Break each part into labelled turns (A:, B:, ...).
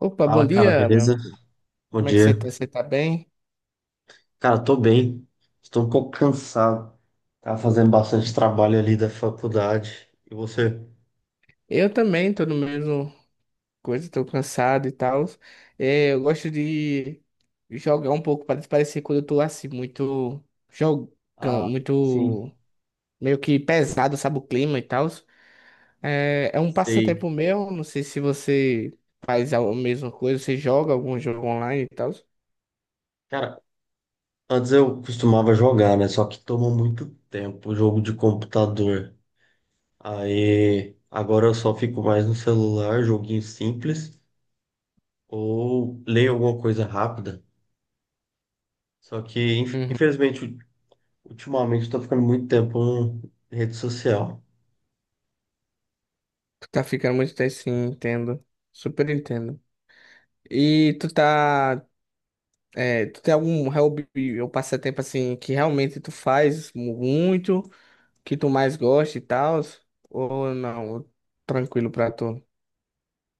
A: Opa, bom
B: Fala, cara,
A: dia, meu
B: beleza?
A: amigo.
B: Bom
A: Como é que
B: dia.
A: você tá? Você tá bem?
B: Cara, tô bem. Estou um pouco cansado. Tava fazendo bastante trabalho ali da faculdade. E você?
A: Eu também tô no mesmo coisa, tô cansado e tal. É, eu gosto de jogar um pouco para desaparecer quando eu tô assim, muito jogando,
B: Ah, sim,
A: muito meio que pesado, sabe, o clima e tal. É, é um
B: sei.
A: passatempo meu, não sei se você faz a mesma coisa, você joga algum jogo online e tal.
B: Cara, antes eu costumava jogar, né? Só que toma muito tempo o jogo de computador. Aí, agora eu só fico mais no celular, joguinho simples, ou leio alguma coisa rápida. Só que,
A: Uhum.
B: infelizmente, ultimamente eu tô ficando muito tempo em rede social.
A: Tu tá ficando muito tempo, sim, entendo. Super entendo. E tu tá. É, tu tem algum hobby ou passatempo assim que realmente tu faz muito, que tu mais gosta e tal? Ou não? Tranquilo pra tu?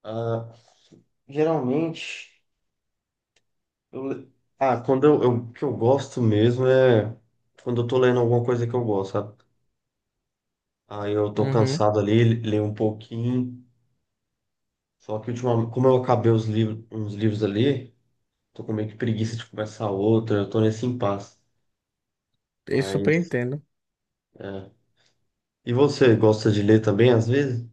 B: Ah, geralmente, eu, le- ah, o que eu gosto mesmo é quando eu tô lendo alguma coisa que eu gosto, sabe? Aí eu tô
A: Uhum.
B: cansado ali, leio um pouquinho. Só que ultimamente, como eu acabei os livros, uns livros ali, tô com meio que preguiça de começar outra, eu tô nesse impasse.
A: Eu super
B: Mas,
A: entendo.
B: é. E você, gosta de ler também às vezes?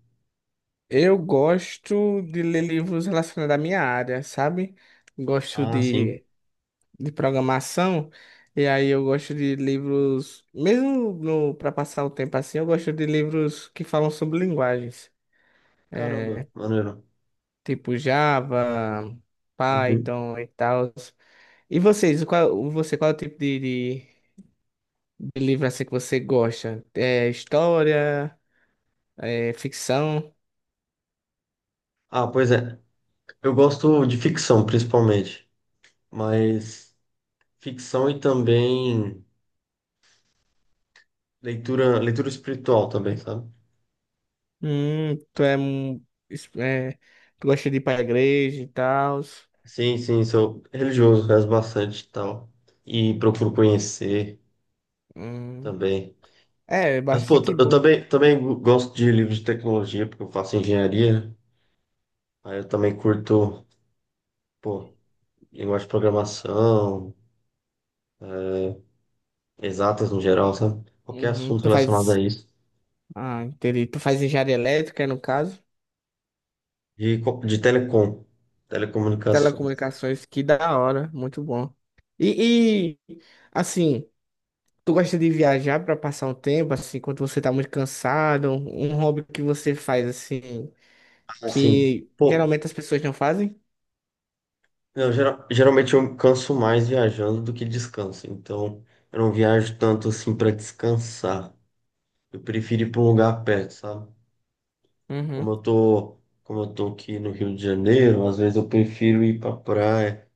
A: Eu gosto de ler livros relacionados à minha área, sabe? Gosto
B: Ah, sim.
A: de programação, e aí eu gosto de livros, mesmo no, para passar o tempo assim, eu gosto de livros que falam sobre linguagens,
B: Caramba, maneiro.
A: tipo Java,
B: Uhum.
A: Python e tal. E vocês, qual, você, qual é o tipo de livro assim que você gosta? É história? É ficção?
B: Ah, pois é. Eu gosto de ficção, principalmente. Mas ficção e também. Leitura, leitura espiritual também, sabe?
A: Tu é, é, tu gosta de ir pra igreja e tal?
B: Sim, sim, sou religioso, rezo bastante e tal. E procuro conhecer
A: Hum,
B: também.
A: é, é
B: Mas, pô,
A: bastante
B: eu
A: bom.
B: também gosto de livros de tecnologia, porque eu faço engenharia, né? Aí eu também curto, pô, linguagem de programação, exatas no geral, sabe? Qualquer
A: Uhum,
B: assunto
A: tu
B: relacionado a
A: faz,
B: isso.
A: ah, entendi. Tu faz engenharia elétrica, no caso?
B: De telecom, telecomunicação.
A: Telecomunicações, que da hora, muito bom. E assim, tu gosta de viajar pra passar um tempo, assim, quando você tá muito cansado? Um hobby que você faz, assim
B: Assim,
A: que
B: pô,
A: geralmente as pessoas não fazem.
B: eu, geralmente eu canso mais viajando do que descanso. Então, eu não viajo tanto assim para descansar. Eu prefiro ir para um lugar perto, sabe? Como
A: Uhum.
B: eu tô, como eu tô aqui no Rio de Janeiro, às vezes eu prefiro ir para praia,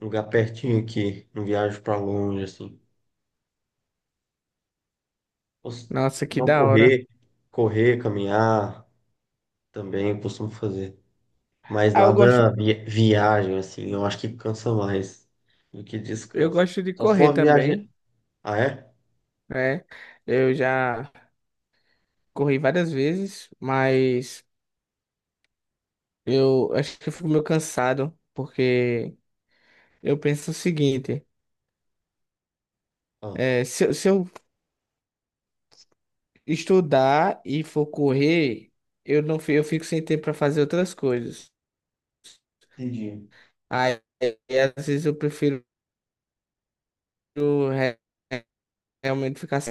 B: um lugar pertinho aqui, não viajo para longe assim. Cos-
A: Nossa, que
B: Não
A: da hora.
B: correr, correr, caminhar também eu costumo fazer, mas
A: Ah,
B: nada viagem assim. Eu acho que cansa mais do que
A: eu
B: descanso.
A: gosto de
B: Só se
A: correr
B: for uma
A: também,
B: viagem, ah é?
A: né? Eu já corri várias vezes, mas eu acho que eu fico meio cansado, porque eu penso o seguinte,
B: Ah.
A: é, se, se eu estudar e for correr, eu não fi- eu fico sem tempo para fazer outras coisas.
B: Entendi.
A: Aí, às vezes eu prefiro re- realmente ficar.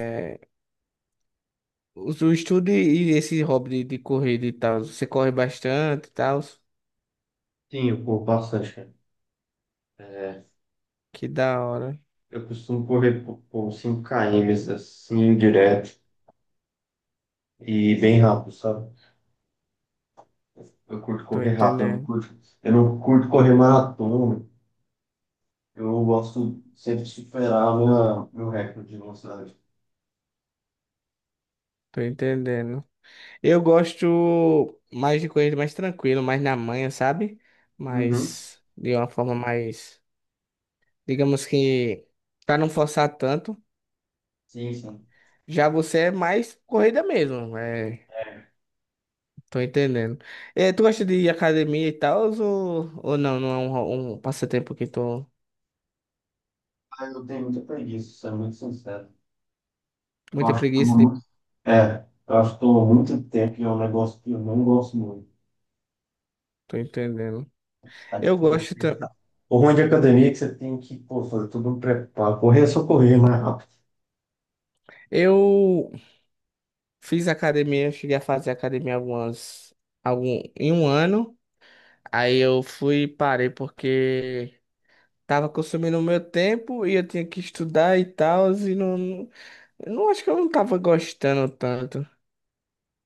A: O estudo e esse hobby de corrida e tal, você corre bastante e tal.
B: Sim, eu corro bastante, cara. É,
A: Que da hora.
B: eu costumo correr por 5 km assim, direto e bem rápido, sabe? Eu curto
A: Tô
B: correr rápido,
A: entendendo.
B: eu não curto correr maratona. Eu gosto sempre de superar minha, meu recorde de velocidade.
A: Tô entendendo. Eu gosto mais de corrida mais tranquilo, mais na manhã, sabe?
B: Uhum.
A: Mas de uma forma mais, digamos que pra não forçar tanto.
B: Sim, sim.
A: Já você é mais corrida mesmo, é, tô entendendo. É, tu gosta de ir à academia e tal, ou não? Não é um, um passatempo que tô
B: Ah, eu tenho muita preguiça, sendo muito sincero. Eu
A: muito
B: acho que
A: preguiça
B: toma
A: de...
B: muito. É, eu acho que toma muito tempo e é um negócio que eu não gosto muito.
A: Tô entendendo.
B: Tá,
A: Eu
B: tipo,
A: gosto.
B: o ruim de academia é que você tem que, pô, fazer tudo um preparo. Correr é só correr mais rápido.
A: Eu fiz academia, eu cheguei a fazer academia algumas, algum, em um ano. Aí eu fui e parei porque tava consumindo o meu tempo e eu tinha que estudar e tal, e não, não, eu não acho que eu não tava gostando tanto.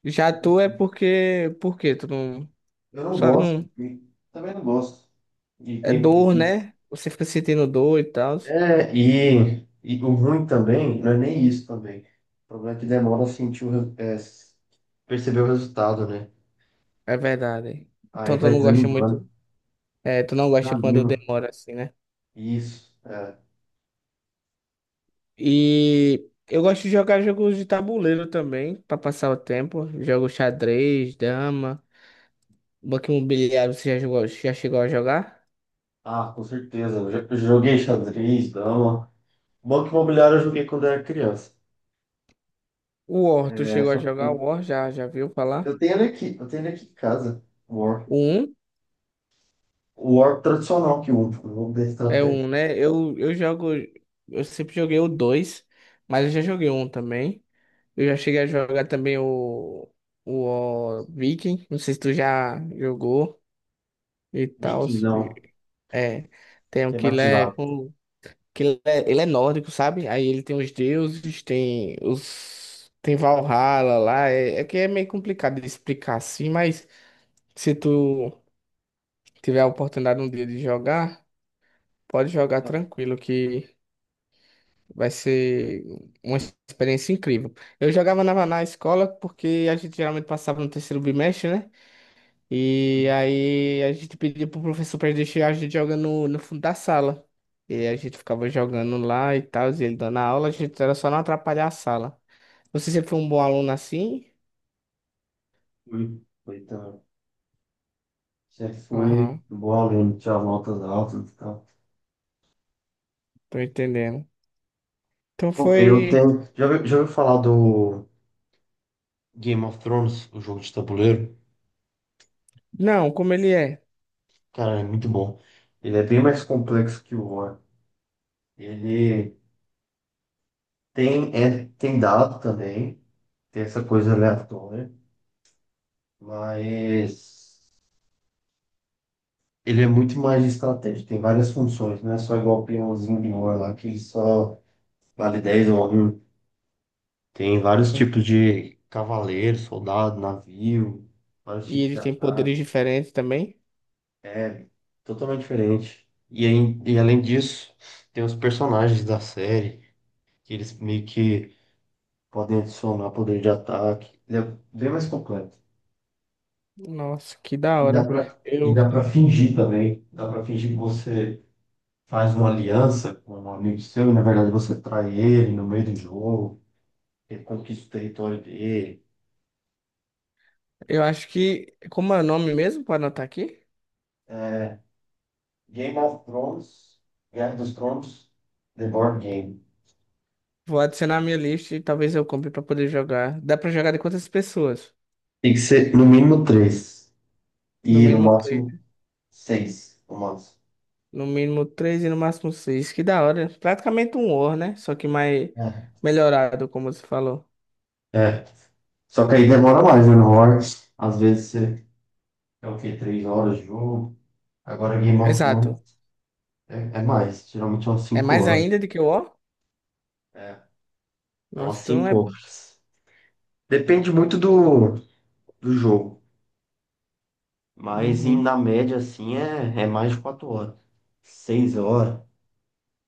A: Já tu é porque, porque tu não,
B: Eu não
A: só
B: gosto,
A: não,
B: e também não gosto. E
A: é
B: tem
A: dor,
B: preguiça.
A: né? Você fica sentindo dor e tal.
B: É, e o ruim também, não é nem isso também. O problema é que demora a sentir o, é, perceber o resultado, né?
A: É verdade.
B: Aí
A: Então tu
B: vai
A: não gosta
B: desanimando,
A: muito, é, tu não gosta quando
B: desanima.
A: demora assim, né?
B: Isso, é.
A: E eu gosto de jogar jogos de tabuleiro também, pra passar o tempo. Jogo xadrez, dama, banco imobiliário, você já jogou, já chegou a jogar?
B: Ah, com certeza. Eu joguei xadrez, dama. Banco imobiliário eu joguei quando era criança.
A: O War, tu
B: É,
A: chegou a
B: só,
A: jogar o War? Já, já viu falar?
B: Eu tenho ele aqui em casa. O War.
A: O 1
B: O War tradicional que eu uso, o jogo da
A: é o
B: estratégia.
A: 1, né? Eu jogo, eu sempre joguei o 2 mas eu já joguei um também. Eu já cheguei a jogar também ó, Viking, não sei se tu já jogou e tal.
B: Viking, não.
A: É, tem um
B: Tematizado.
A: que ele é nórdico, sabe? Aí ele tem os deuses, tem os tem Valhalla lá, é, é que é meio complicado de explicar assim, mas se tu tiver a oportunidade um dia de jogar, pode jogar tranquilo que vai ser uma experiência incrível. Eu jogava na escola porque a gente geralmente passava no terceiro bimestre, né? E aí a gente pediu pro professor pra deixar a gente jogando no fundo da sala. E a gente ficava jogando lá e tal, e ele dando a aula, a gente era só não atrapalhar a sala. Você sempre foi um bom aluno assim?
B: Fui. Foi também. Sempre fui
A: Aham,
B: um bom aluno, tinha notas altas e tal.
A: tô entendendo. Então
B: Pô, eu
A: foi.
B: tenho. Já ouviu falar do Game of Thrones, o jogo de tabuleiro?
A: Não, como ele é.
B: Cara, é muito bom. Ele é bem mais complexo que o War. Ele tem, é, tem dado também, tem essa coisa aleatória, mas. Ele é muito mais de estratégia, tem várias funções, não é só igual o peãozinho de ouro lá, que só vale 10 ou um. Tem vários
A: Hum.
B: tipos de cavaleiro, soldado, navio, vários
A: E
B: tipos
A: ele
B: de
A: tem
B: ataque.
A: poderes diferentes também.
B: É totalmente diferente. E, aí, e além disso, tem os personagens da série, que eles meio que podem adicionar poder de ataque. Ele é bem mais completo.
A: Nossa, que da hora.
B: E
A: Eu,
B: dá pra fingir também. Dá pra fingir que você faz uma aliança com um amigo seu e, na verdade, você trai ele no meio do jogo, ele conquista o território dele.
A: eu acho que. Como é o nome mesmo? Pode anotar aqui?
B: Game of Thrones, Guerra dos Tronos, The Board Game.
A: Vou adicionar a minha lista e talvez eu compre pra poder jogar. Dá pra jogar de quantas pessoas?
B: Tem que ser no mínimo três
A: No
B: e no
A: mínimo três.
B: máximo seis romances.
A: No mínimo três e no máximo seis. Que da hora. Praticamente um War, né? Só que mais
B: É.
A: melhorado, como você falou.
B: É. Só que aí demora mais, né? No Horse, às vezes você é o quê? 3 horas de jogo. Agora Game of
A: Exato.
B: Thrones é, é mais, geralmente é umas
A: É
B: cinco
A: mais
B: horas.
A: ainda do que o War?
B: É, é umas
A: Nossa, então
B: cinco
A: é.
B: horas. Depende muito do jogo. Mas
A: Uhum.
B: na média, assim, é mais de 4 horas. 6 horas.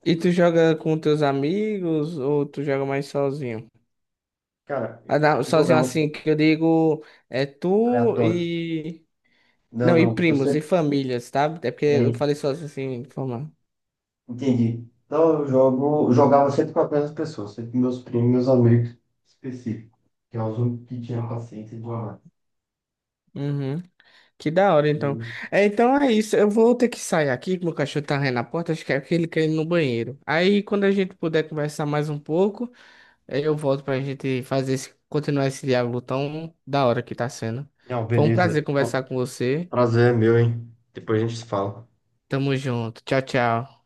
A: E tu joga com teus amigos ou tu joga mais sozinho?
B: Cara,
A: Ah, não,
B: eu
A: sozinho
B: jogava
A: assim, que eu digo é tu
B: aleatório.
A: e.
B: Não,
A: Não, e
B: não. Eu
A: primos e
B: sempre.
A: famílias, tá? É porque eu
B: É,
A: falei sozinho assim, de forma.
B: entendi. Então eu jogo, eu jogava sempre com as mesmas pessoas, sempre com meus primos, meus amigos específicos. Que é os únicos que tinham paciência de jogar.
A: Que da hora, então.
B: E-
A: É, então é isso. Eu vou ter que sair aqui, que meu cachorro tá rindo na porta. Acho que é porque ele quer ir no banheiro. Aí, quando a gente puder conversar mais um pouco, aí eu volto pra gente fazer esse, continuar esse diálogo tão da hora que tá sendo.
B: Não,
A: Foi um prazer
B: beleza.
A: conversar com você.
B: Prazer é meu, hein? Depois a gente se fala.
A: Tamo junto. Tchau, tchau.